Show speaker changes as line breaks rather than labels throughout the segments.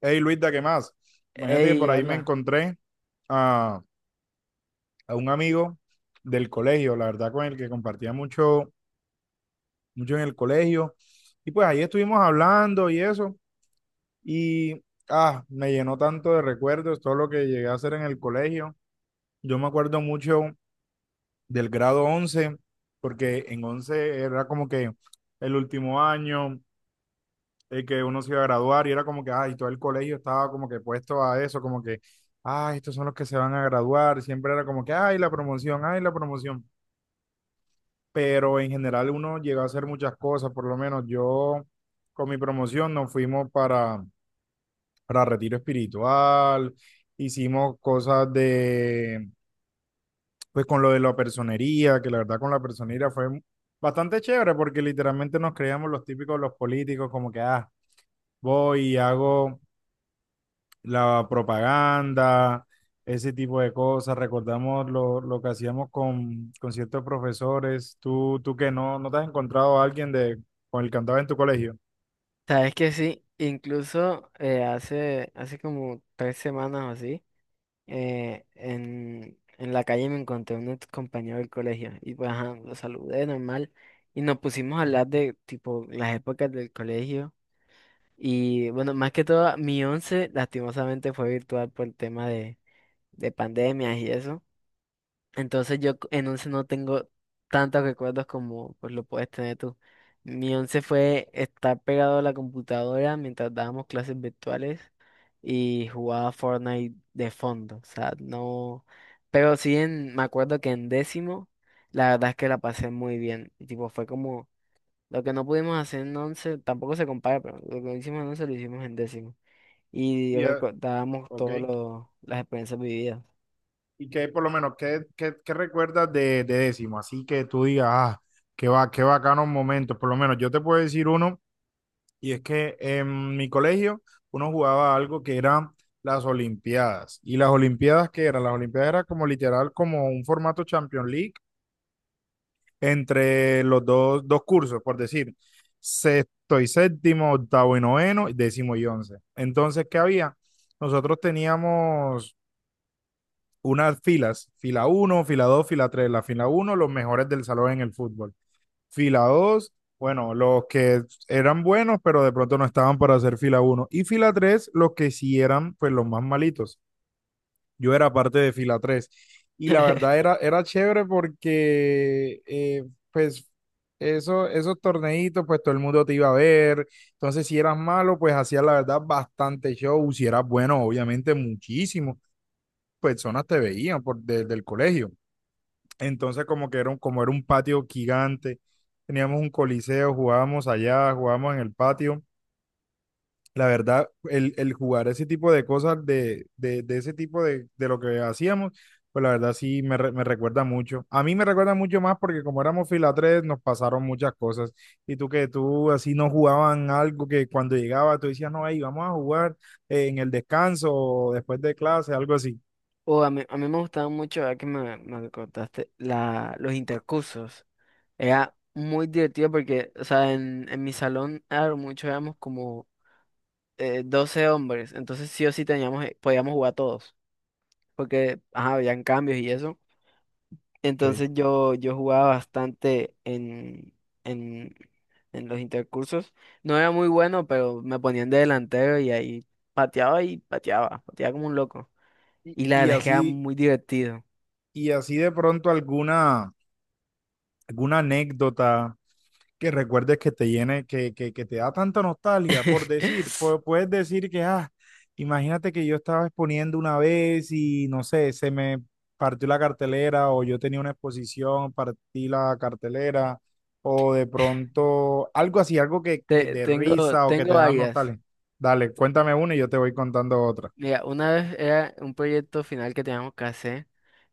Hey Luisa, ¿qué más? Imagínate que
Ey,
por ahí me
habla.
encontré a, a un amigo del colegio, la verdad, con el que compartía mucho en el colegio. Y pues ahí estuvimos hablando y eso. Y me llenó tanto de recuerdos todo lo que llegué a hacer en el colegio. Yo me acuerdo mucho del grado 11 porque en 11 era como que el último año, que uno se iba a graduar y era como que, ay, todo el colegio estaba como que puesto a eso, como que, ay, estos son los que se van a graduar, siempre era como que, ay, la promoción, pero en general uno llegó a hacer muchas cosas, por lo menos yo con mi promoción nos fuimos para retiro espiritual, hicimos cosas de, pues con lo de la personería, que la verdad con la personería fue... Bastante chévere porque literalmente nos creíamos los típicos los políticos como que, ah, voy y hago la propaganda, ese tipo de cosas. Recordamos lo que hacíamos con ciertos profesores. Tú que no te has encontrado a alguien de, con el que andabas en tu colegio.
Sabes que sí, incluso hace como tres semanas o así, en la calle me encontré un ex compañero del colegio y pues ajá, lo saludé normal y nos pusimos a hablar de tipo las épocas del colegio y bueno, más que todo mi once lastimosamente fue virtual por el tema de pandemias y eso. Entonces en once no tengo tantos recuerdos como pues lo puedes tener tú. Mi once fue estar pegado a la computadora mientras dábamos clases virtuales y jugaba Fortnite de fondo. O sea, no. Pero sí me acuerdo que en décimo, la verdad es que la pasé muy bien. Y tipo, fue como lo que no pudimos hacer en once, tampoco se compara, pero lo que hicimos en once lo hicimos en décimo. Y yo
Ya,
recordábamos
ok.
todas las experiencias vividas.
Y qué por lo menos, qué recuerdas de décimo? Así que tú digas, ah, qué, va, qué bacanos momentos. Por lo menos yo te puedo decir uno, y es que en mi colegio uno jugaba algo que era las Olimpiadas. ¿Y las Olimpiadas qué eran? Las Olimpiadas era como literal, como un formato Champions League, entre dos cursos, por decir, sexto y séptimo, octavo y noveno, décimo y once. Entonces, ¿qué había? Nosotros teníamos unas filas, fila uno, fila dos, fila tres. La fila uno, los mejores del salón en el fútbol. Fila dos, bueno, los que eran buenos, pero de pronto no estaban para hacer fila uno. Y fila tres, los que sí eran pues los más malitos. Yo era parte de fila 3 y la verdad era chévere porque pues eso, esos torneitos pues todo el mundo te iba a ver, entonces si eras malo pues hacías la verdad bastante show, si eras bueno obviamente muchísimo, personas te veían por, desde el colegio, entonces como que como era un patio gigante, teníamos un coliseo, jugábamos allá, jugábamos en el patio la verdad, el jugar ese tipo de cosas, de ese tipo de lo que hacíamos, pues la verdad sí me recuerda mucho. A mí me recuerda mucho más porque como éramos fila 3 nos pasaron muchas cosas. Y tú que tú así no jugaban algo que cuando llegaba tú decías, no, ahí vamos a jugar en el descanso o después de clase, algo así.
O a mí me gustaba mucho, ahora que me contaste, los intercursos. Era muy divertido porque, o sea, en mi salón a lo mucho éramos como 12 hombres, entonces sí o sí teníamos, podíamos jugar todos, porque ajá, habían cambios y eso.
Ok.
Entonces yo jugaba bastante en, en los intercursos. No era muy bueno, pero me ponían de delantero y ahí pateaba como un loco.
Y,
Y la
y
verdad es que era
así,
muy divertido.
y así de pronto alguna anécdota que recuerdes que te llene, que te da tanta nostalgia por decir, puedes decir que, ah, imagínate que yo estaba exponiendo una vez y no sé, se me partió la cartelera o yo tenía una exposición, partí la cartelera o de pronto algo así, algo que de risa o que te
Tengo
da
varias.
nostalgia. Dale, cuéntame una y yo te voy contando otra.
Mira, una vez era un proyecto final que teníamos que hacer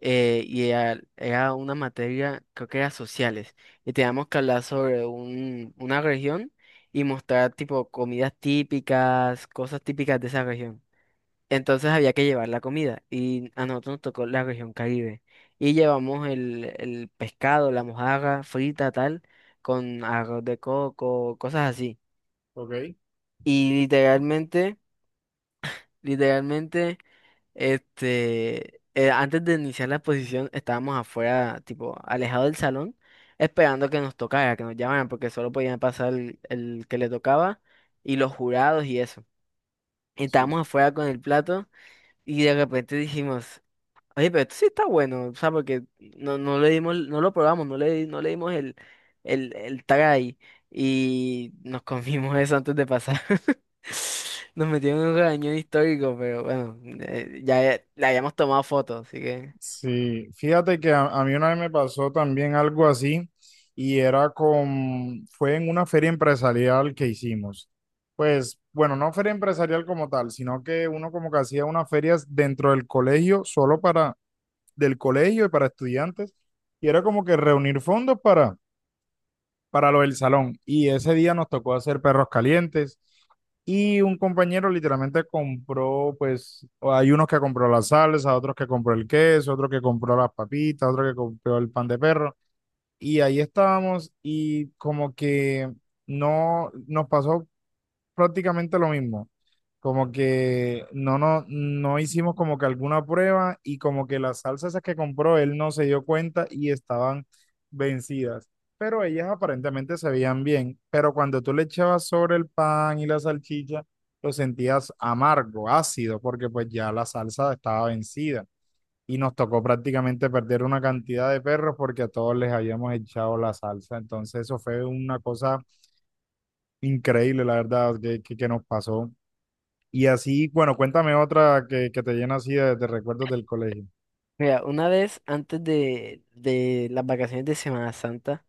y era una materia, creo que era sociales, y teníamos que hablar sobre una región y mostrar tipo comidas típicas, cosas típicas de esa región. Entonces había que llevar la comida y a nosotros nos tocó la región Caribe y llevamos el pescado, la mojarra frita, tal, con arroz de coco, cosas así.
Ok,
Y literalmente... Literalmente, antes de iniciar la exposición estábamos afuera, tipo, alejados del salón, esperando que nos tocara, que nos llamaran, porque solo podían pasar el que le tocaba y los jurados y eso.
sí.
Estábamos afuera con el plato y de repente dijimos, "Oye, pero esto sí está bueno, o sea, porque no le dimos, no lo probamos, no le dimos el tag ahí y nos comimos eso antes de pasar." Nos metieron en un regañón histórico, pero bueno, le habíamos tomado fotos, así que...
Sí, fíjate que a mí una vez me pasó también algo así y era con, fue en una feria empresarial que hicimos. Pues, bueno, no feria empresarial como tal, sino que uno como que hacía unas ferias dentro del colegio, solo del colegio y para estudiantes, y era como que reunir fondos para lo del salón. Y ese día nos tocó hacer perros calientes. Y un compañero literalmente compró, pues, hay unos que compró la salsa, otros que compró el queso, otro que compró las papitas, otro que compró el pan de perro. Y ahí estábamos y como que no nos pasó prácticamente lo mismo. Como que no, no hicimos como que alguna prueba y como que las salsas esas que compró él no se dio cuenta y estaban vencidas. Pero ellas aparentemente se veían bien. Pero cuando tú le echabas sobre el pan y la salchicha, lo sentías amargo, ácido, porque pues ya la salsa estaba vencida. Y nos tocó prácticamente perder una cantidad de perros porque a todos les habíamos echado la salsa. Entonces eso fue una cosa increíble, la verdad, que nos pasó. Y así, bueno, cuéntame otra que te llena así de recuerdos del colegio.
Mira, una vez antes de las vacaciones de Semana Santa,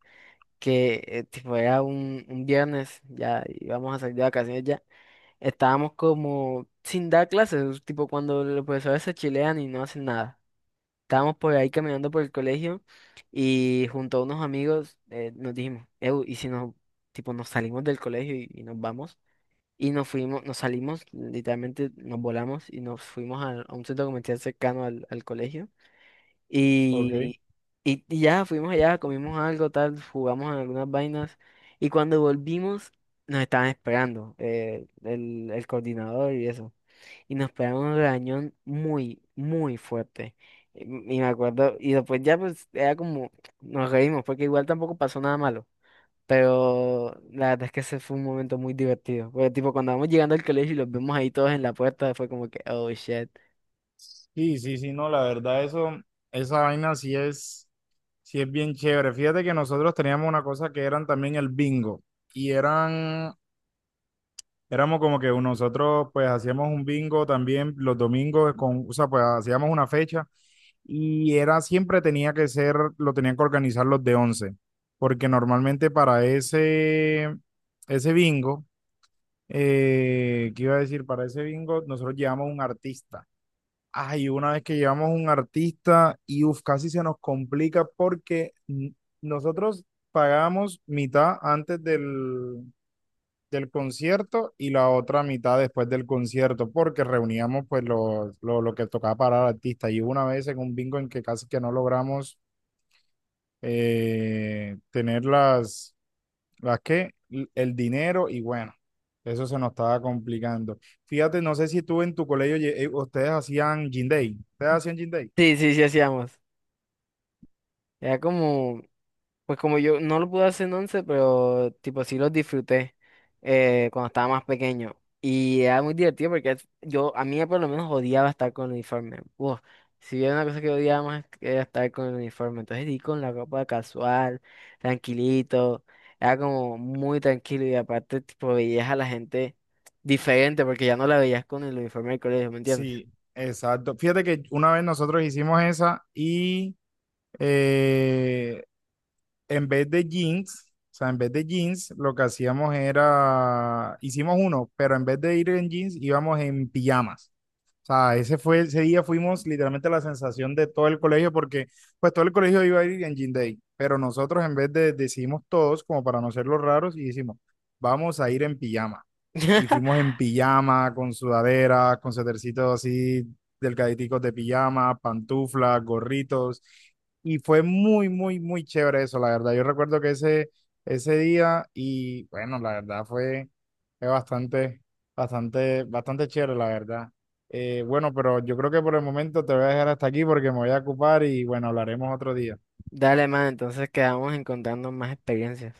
que tipo era un viernes, ya íbamos a salir de vacaciones ya, estábamos como sin dar clases, tipo cuando los profesores se chilean y no hacen nada. Estábamos por ahí caminando por el colegio y junto a unos amigos nos dijimos, "Ew, ¿y si nos, tipo, nos salimos del colegio y nos vamos?" Y nos fuimos, nos salimos, literalmente nos volamos y nos fuimos a un centro comercial cercano al colegio.
Ok.
Y, y ya fuimos allá, comimos algo, tal, jugamos en algunas vainas. Y cuando volvimos, nos estaban esperando el coordinador y eso y nos pegamos un regañón muy, muy fuerte. Y y me acuerdo, y después ya pues era como, nos reímos, porque igual tampoco pasó nada malo. Pero la verdad es que ese fue un momento muy divertido. Porque tipo cuando vamos llegando al colegio y los vemos ahí todos en la puerta, fue como que, oh shit.
Sí, sí, sí, no, la verdad, eso, esa vaina sí es bien chévere. Fíjate que nosotros teníamos una cosa que eran también el bingo. Y eran, éramos como que nosotros pues hacíamos un bingo también los domingos con, o sea, pues hacíamos una fecha. Y era siempre tenía que ser, lo tenían que organizar los de 11 porque normalmente para ese bingo. ¿Qué iba a decir? Para ese bingo, nosotros llevamos un artista. Ay, una vez que llevamos un artista, y uf, casi se nos complica porque nosotros pagamos mitad antes del concierto y la otra mitad después del concierto, porque reuníamos pues lo que tocaba para el artista. Y hubo una vez en un bingo en que casi que no logramos tener las el dinero y bueno, eso se nos estaba complicando. Fíjate, no sé si tú en tu colegio ustedes hacían gym day. ¿Ustedes hacían gym day?
Sí, sí, sí hacíamos. Era como... Pues como yo no lo pude hacer en once, pero tipo sí los disfruté cuando estaba más pequeño. Y era muy divertido porque yo, a mí por lo menos odiaba estar con el uniforme. Uf, si había una cosa que odiaba más era estar con el uniforme. Entonces di con la ropa casual, tranquilito. Era como muy tranquilo y aparte tipo veías a la gente diferente porque ya no la veías con el uniforme del colegio, ¿me entiendes?
Sí, exacto. Fíjate que una vez nosotros hicimos esa y eh, en vez de jeans, o sea, en vez de jeans, lo que hacíamos era, hicimos uno, pero en vez de ir en jeans, íbamos en pijamas. Sea, ese fue, ese día fuimos literalmente la sensación de todo el colegio, porque pues todo el colegio iba a ir en Jean Day, pero nosotros en vez de decidimos todos, como para no ser los raros, y dijimos, vamos a ir en pijama. Y fuimos en pijama, con sudaderas, con setercitos así, delgaditicos de pijama, pantuflas, gorritos. Y fue muy chévere eso, la verdad. Yo recuerdo que ese día, y bueno, la verdad fue, fue bastante chévere, la verdad. Bueno, pero yo creo que por el momento te voy a dejar hasta aquí porque me voy a ocupar y bueno, hablaremos otro día.
Dale, man, entonces quedamos encontrando más experiencias.